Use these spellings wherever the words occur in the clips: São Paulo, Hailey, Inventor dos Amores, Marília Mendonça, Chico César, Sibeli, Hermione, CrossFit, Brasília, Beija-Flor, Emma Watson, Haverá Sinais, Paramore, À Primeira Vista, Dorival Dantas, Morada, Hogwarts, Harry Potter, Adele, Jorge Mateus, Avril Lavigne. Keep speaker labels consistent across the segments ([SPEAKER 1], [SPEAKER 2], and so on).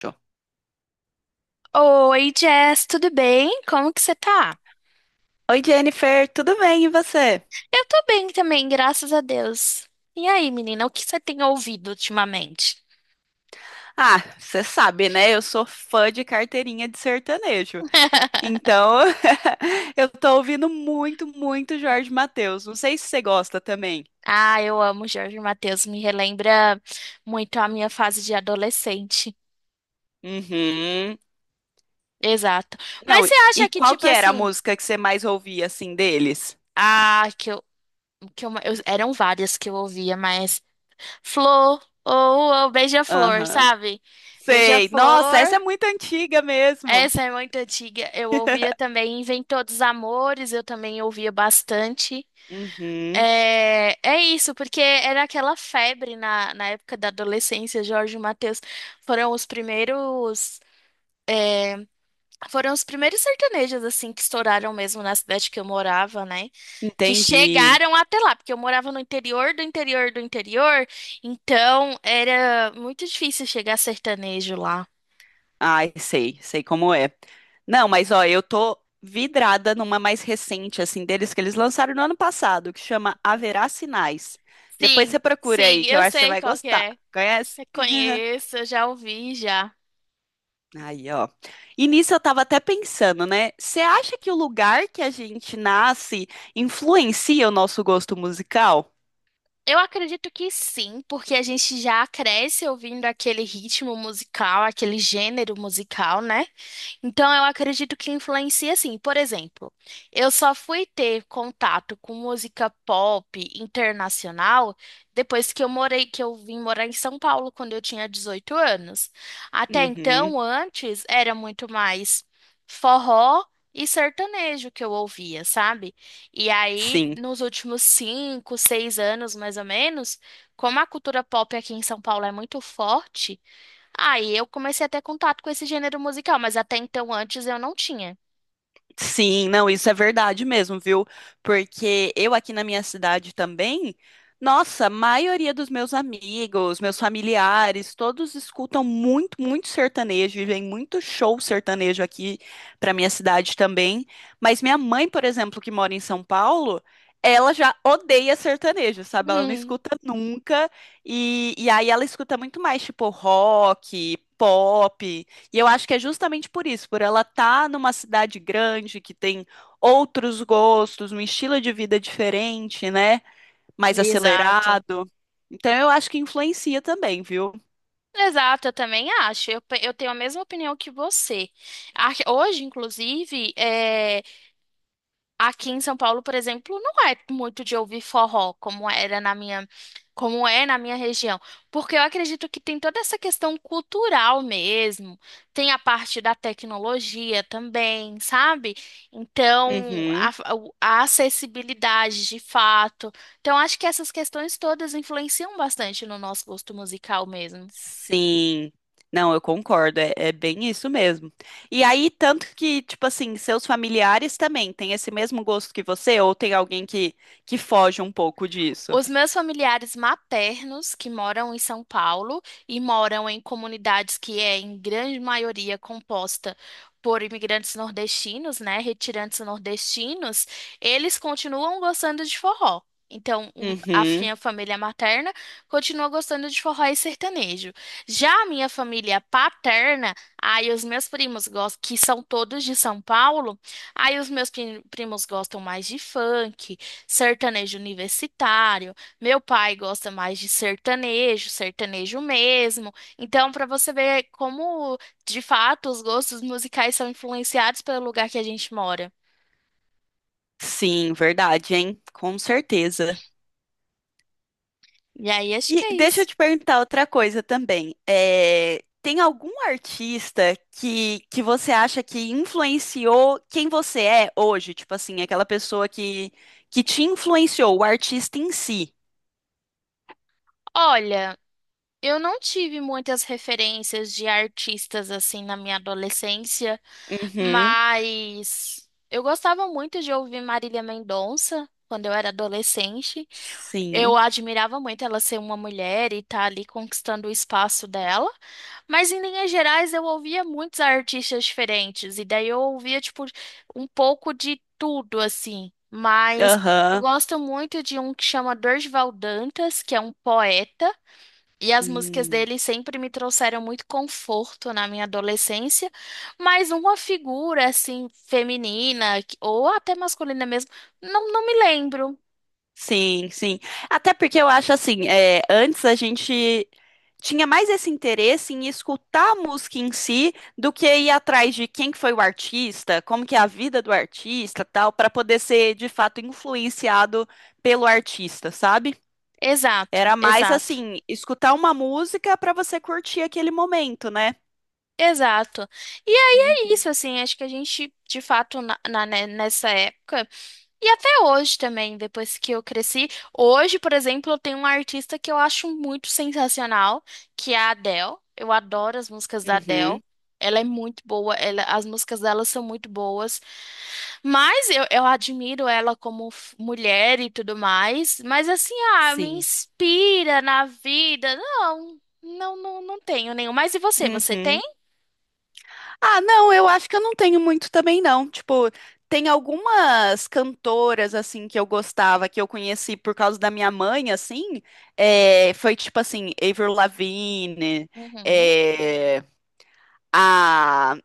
[SPEAKER 1] Show.
[SPEAKER 2] Oi, Jess, tudo bem? Como que você tá?
[SPEAKER 1] Oi, Jennifer, tudo bem? E você?
[SPEAKER 2] Eu tô bem também, graças a Deus. E aí, menina, o que você tem ouvido ultimamente?
[SPEAKER 1] Ah, você sabe, né? Eu sou fã de carteirinha de sertanejo. Então, eu tô ouvindo muito Jorge Mateus. Não sei se você gosta também.
[SPEAKER 2] Ah, eu amo Jorge Mateus, me relembra muito a minha fase de adolescente.
[SPEAKER 1] Uhum.
[SPEAKER 2] Exato. Mas
[SPEAKER 1] Não, e
[SPEAKER 2] você acha
[SPEAKER 1] e
[SPEAKER 2] que,
[SPEAKER 1] qual
[SPEAKER 2] tipo
[SPEAKER 1] que era a
[SPEAKER 2] assim,
[SPEAKER 1] música que você mais ouvia, assim, deles?
[SPEAKER 2] ah, que eu, eram várias que eu ouvia, mas Flor, ou Beija-Flor,
[SPEAKER 1] Aham.
[SPEAKER 2] sabe?
[SPEAKER 1] Sei. Nossa, essa é
[SPEAKER 2] Beija-Flor.
[SPEAKER 1] muito antiga mesmo.
[SPEAKER 2] Essa é muito antiga. Eu ouvia também Inventor dos Amores, eu também ouvia bastante.
[SPEAKER 1] Uhum.
[SPEAKER 2] É isso, porque era aquela febre na época da adolescência. Jorge e Mateus foram os primeiros, é, foram os primeiros sertanejos assim que estouraram mesmo na cidade que eu morava, né? Que
[SPEAKER 1] Entendi.
[SPEAKER 2] chegaram até lá, porque eu morava no interior do interior do interior, então era muito difícil chegar sertanejo lá.
[SPEAKER 1] Ai, sei, sei como é. Não, mas ó, eu tô vidrada numa mais recente, assim, deles que eles lançaram no ano passado, que chama Haverá Sinais. Depois
[SPEAKER 2] Sim,
[SPEAKER 1] você procura aí,
[SPEAKER 2] sim,
[SPEAKER 1] que eu
[SPEAKER 2] eu
[SPEAKER 1] acho que você
[SPEAKER 2] sei
[SPEAKER 1] vai
[SPEAKER 2] qual que
[SPEAKER 1] gostar.
[SPEAKER 2] é.
[SPEAKER 1] Conhece?
[SPEAKER 2] Reconheço, eu já ouvi já.
[SPEAKER 1] Aí, ó. E nisso eu tava até pensando, né? Você acha que o lugar que a gente nasce influencia o nosso gosto musical?
[SPEAKER 2] Eu acredito que sim, porque a gente já cresce ouvindo aquele ritmo musical, aquele gênero musical, né? Então, eu acredito que influencia assim. Por exemplo, eu só fui ter contato com música pop internacional depois que eu morei, que eu vim morar em São Paulo quando eu tinha 18 anos. Até
[SPEAKER 1] Uhum,
[SPEAKER 2] então, antes, era muito mais forró e sertanejo que eu ouvia, sabe? E aí,
[SPEAKER 1] sim.
[SPEAKER 2] nos últimos 5, 6 anos, mais ou menos, como a cultura pop aqui em São Paulo é muito forte, aí eu comecei a ter contato com esse gênero musical, mas até então antes eu não tinha.
[SPEAKER 1] Sim, não, isso é verdade mesmo, viu? Porque eu aqui na minha cidade também, nossa, a maioria dos meus amigos, meus familiares, todos escutam muito sertanejo e vem muito show sertanejo aqui pra minha cidade também. Mas minha mãe, por exemplo, que mora em São Paulo, ela já odeia sertanejo, sabe? Ela não
[SPEAKER 2] Hum,
[SPEAKER 1] escuta nunca. E aí ela escuta muito mais, tipo, rock, pop. E eu acho que é justamente por isso, por ela estar numa cidade grande que tem outros gostos, um estilo de vida diferente, né? Mais
[SPEAKER 2] exato.
[SPEAKER 1] acelerado. Então eu acho que influencia também, viu?
[SPEAKER 2] Exato, eu também acho. Eu, eu tenho a mesma opinião que você. Hoje, inclusive, aqui em São Paulo, por exemplo, não é muito de ouvir forró, como é na minha região, porque eu acredito que tem toda essa questão cultural mesmo, tem a parte da tecnologia também, sabe? Então,
[SPEAKER 1] Uhum.
[SPEAKER 2] a acessibilidade de fato. Então, acho que essas questões todas influenciam bastante no nosso gosto musical mesmo.
[SPEAKER 1] Sim. Não, eu concordo, é, é bem isso mesmo. E aí, tanto que, tipo assim, seus familiares também têm esse mesmo gosto que você, ou tem alguém que foge um pouco disso?
[SPEAKER 2] Os meus familiares maternos, que moram em São Paulo e moram em comunidades que é, em grande maioria, composta por imigrantes nordestinos, né, retirantes nordestinos, eles continuam gostando de forró. Então, a
[SPEAKER 1] Uhum.
[SPEAKER 2] minha família materna continua gostando de forró e sertanejo. Já a minha família paterna, aí os meus primos gostam, que são todos de São Paulo, aí os meus primos gostam mais de funk, sertanejo universitário. Meu pai gosta mais de sertanejo, sertanejo mesmo. Então, para você ver como, de fato, os gostos musicais são influenciados pelo lugar que a gente mora.
[SPEAKER 1] Sim, verdade, hein? Com certeza.
[SPEAKER 2] E aí, acho que
[SPEAKER 1] E
[SPEAKER 2] é
[SPEAKER 1] deixa eu
[SPEAKER 2] isso.
[SPEAKER 1] te perguntar outra coisa também. É, tem algum artista que você acha que influenciou quem você é hoje? Tipo assim, aquela pessoa que te influenciou, o artista em si.
[SPEAKER 2] Olha, eu não tive muitas referências de artistas assim na minha adolescência,
[SPEAKER 1] Uhum.
[SPEAKER 2] mas eu gostava muito de ouvir Marília Mendonça quando eu era adolescente. Eu
[SPEAKER 1] Sim.
[SPEAKER 2] admirava muito ela ser uma mulher e estar ali conquistando o espaço dela, mas em linhas gerais eu ouvia muitos artistas diferentes, e daí eu ouvia, tipo, um pouco de tudo, assim. Mas eu
[SPEAKER 1] Aham.
[SPEAKER 2] gosto muito de um que chama Dorival Dantas, que é um poeta, e as músicas
[SPEAKER 1] Hum.
[SPEAKER 2] dele sempre me trouxeram muito conforto na minha adolescência, mas uma figura, assim, feminina, que- ou até masculina mesmo, não, não me lembro.
[SPEAKER 1] Sim, sim. Até porque eu acho assim, é, antes a gente tinha mais esse interesse em escutar a música em si do que ir atrás de quem que foi o artista, como que é a vida do artista, tal, para poder ser de fato influenciado pelo artista, sabe?
[SPEAKER 2] Exato,
[SPEAKER 1] Era mais
[SPEAKER 2] exato.
[SPEAKER 1] assim, escutar uma música para você curtir aquele momento, né?
[SPEAKER 2] Exato. E aí é isso,
[SPEAKER 1] Uhum.
[SPEAKER 2] assim, acho que a gente, de fato, né, nessa época, e até hoje também, depois que eu cresci, hoje, por exemplo, eu tenho uma artista que eu acho muito sensacional, que é a Adele. Eu adoro as músicas da Adele.
[SPEAKER 1] Uhum,
[SPEAKER 2] Ela é muito boa, as músicas dela são muito boas, mas eu admiro ela como mulher e tudo mais, mas assim, me
[SPEAKER 1] sim.
[SPEAKER 2] inspira na vida. Não, não, não, não tenho nenhum. Mas e você, você tem?
[SPEAKER 1] Uhum. Ah, não, eu acho que eu não tenho muito também, não. Tipo, tem algumas cantoras, assim, que eu gostava, que eu conheci por causa da minha mãe, assim. É, foi tipo assim, Avril Lavigne,
[SPEAKER 2] Uhum.
[SPEAKER 1] é, a.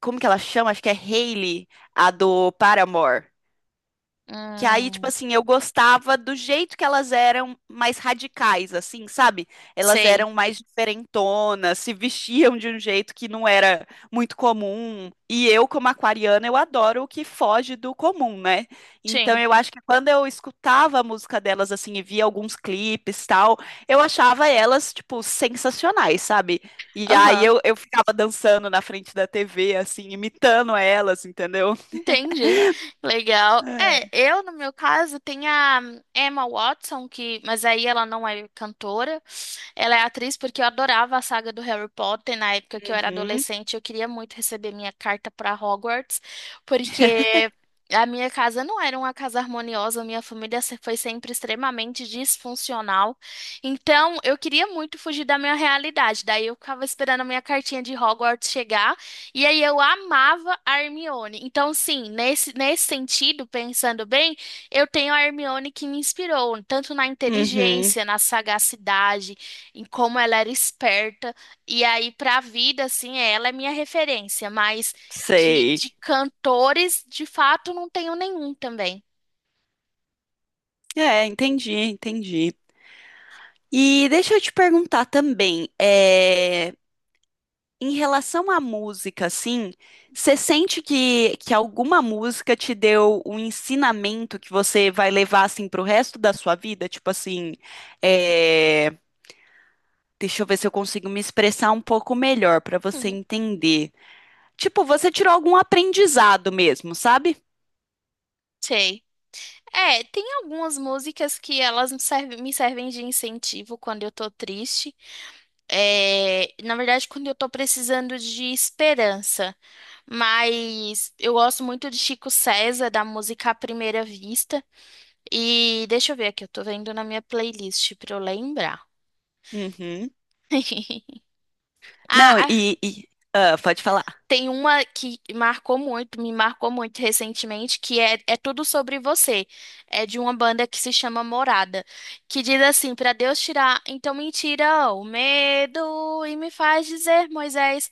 [SPEAKER 1] Como que ela chama? Acho que é Hailey, a do Paramore. Que aí, tipo
[SPEAKER 2] Hum,
[SPEAKER 1] assim, eu gostava do jeito que elas eram mais radicais, assim, sabe? Elas
[SPEAKER 2] sei.
[SPEAKER 1] eram mais diferentonas, se vestiam de um jeito que não era muito comum. E eu, como aquariana, eu adoro o que foge do comum, né? Então
[SPEAKER 2] Sim.
[SPEAKER 1] eu acho que quando eu escutava a música delas, assim, e via alguns clipes tal, eu achava elas, tipo, sensacionais, sabe? E aí
[SPEAKER 2] Aham.
[SPEAKER 1] eu ficava dançando na frente da TV, assim, imitando elas, entendeu?
[SPEAKER 2] Entendi. Legal. É,
[SPEAKER 1] É.
[SPEAKER 2] eu, no meu caso, tenho a Emma Watson, que, mas aí ela não é cantora. Ela é atriz porque eu adorava a saga do Harry Potter na época que eu era
[SPEAKER 1] Uhum.
[SPEAKER 2] adolescente. Eu queria muito receber minha carta para Hogwarts, porque a minha casa não era uma casa harmoniosa, minha família foi sempre extremamente disfuncional. Então, eu queria muito fugir da minha realidade. Daí eu ficava esperando a minha cartinha de Hogwarts chegar, e aí eu amava a Hermione. Então, sim, nesse sentido, pensando bem, eu tenho a Hermione que me inspirou, tanto na
[SPEAKER 1] Uhum,
[SPEAKER 2] inteligência, na sagacidade, em como ela era esperta. E aí, pra vida, assim, ela é minha referência, mas de
[SPEAKER 1] sei.
[SPEAKER 2] cantores, de fato, não tenho nenhum também.
[SPEAKER 1] É, entendi, entendi. E deixa eu te perguntar também, é, em relação à música, assim, você sente que alguma música te deu um ensinamento que você vai levar, assim, pro resto da sua vida? Tipo assim, é, deixa eu ver se eu consigo me expressar um pouco melhor para você
[SPEAKER 2] Uhum,
[SPEAKER 1] entender. Tipo, você tirou algum aprendizado mesmo, sabe?
[SPEAKER 2] sei. É, tem algumas músicas que elas me servem de incentivo quando eu tô triste. É, na verdade, quando eu tô precisando de esperança. Mas eu gosto muito de Chico César, da música À Primeira Vista. E deixa eu ver aqui, eu tô vendo na minha playlist pra eu lembrar.
[SPEAKER 1] Uhum.
[SPEAKER 2] Ah,
[SPEAKER 1] Não,
[SPEAKER 2] ah,
[SPEAKER 1] e- ah, pode falar.
[SPEAKER 2] tem uma que me marcou muito recentemente, que é tudo sobre você. É de uma banda que se chama Morada, que diz assim, para Deus tirar, então me tira o medo e me faz dizer, Moisés,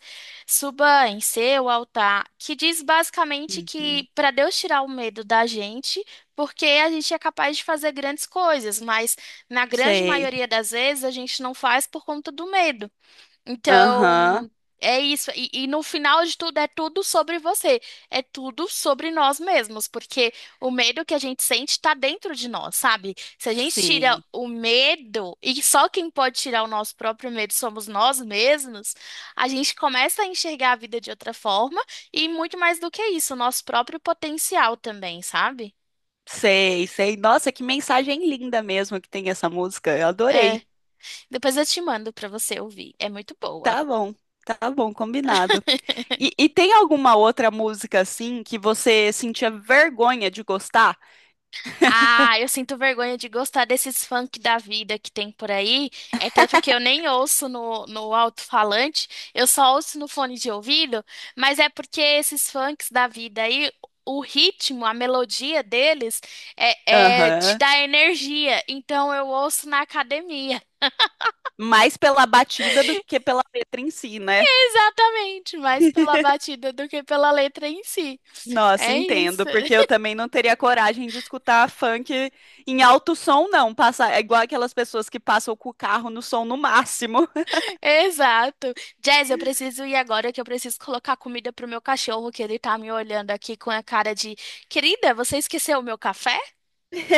[SPEAKER 2] suba em seu altar, que diz basicamente
[SPEAKER 1] Uhum.
[SPEAKER 2] que para Deus tirar o medo da gente, porque a gente é capaz de fazer grandes coisas, mas na grande
[SPEAKER 1] Sei.
[SPEAKER 2] maioria das vezes a gente não faz por conta do medo.
[SPEAKER 1] Aham,
[SPEAKER 2] Então, é isso. E no final de tudo, é tudo sobre você. É tudo sobre nós mesmos, porque o medo que a gente sente está dentro de nós, sabe? Se a gente tira
[SPEAKER 1] sim.
[SPEAKER 2] o medo, e só quem pode tirar o nosso próprio medo somos nós mesmos, a gente começa a enxergar a vida de outra forma e muito mais do que isso, o nosso próprio potencial também, sabe?
[SPEAKER 1] Sei, sei. Nossa, que mensagem linda mesmo que tem essa música. Eu
[SPEAKER 2] É,
[SPEAKER 1] adorei.
[SPEAKER 2] depois eu te mando para você ouvir. É muito boa.
[SPEAKER 1] Tá bom, tá bom, combinado. E tem alguma outra música assim que você sentia vergonha de gostar?
[SPEAKER 2] Ah, eu sinto vergonha de gostar desses funk da vida que tem por aí. É tanto que eu nem ouço no alto-falante, eu só ouço no fone de ouvido, mas é porque esses funks da vida aí, o ritmo, a melodia deles te
[SPEAKER 1] Aham.
[SPEAKER 2] dá energia. Então eu ouço na academia.
[SPEAKER 1] Mais pela batida do que pela letra em si, né?
[SPEAKER 2] Exatamente, mais pela batida do que pela letra em si.
[SPEAKER 1] Nossa,
[SPEAKER 2] É
[SPEAKER 1] entendo,
[SPEAKER 2] isso.
[SPEAKER 1] porque eu também não teria coragem de escutar funk em alto som, não. Passa, é igual aquelas pessoas que passam com o carro no som no máximo.
[SPEAKER 2] Exato. Jazz, eu preciso ir agora que eu preciso colocar comida pro meu cachorro, que ele tá me olhando aqui com a cara de querida, você esqueceu o meu café?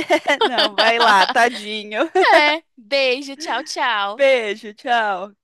[SPEAKER 1] Não, vai lá, tadinho.
[SPEAKER 2] É. Beijo, tchau, tchau.
[SPEAKER 1] Beijo, tchau.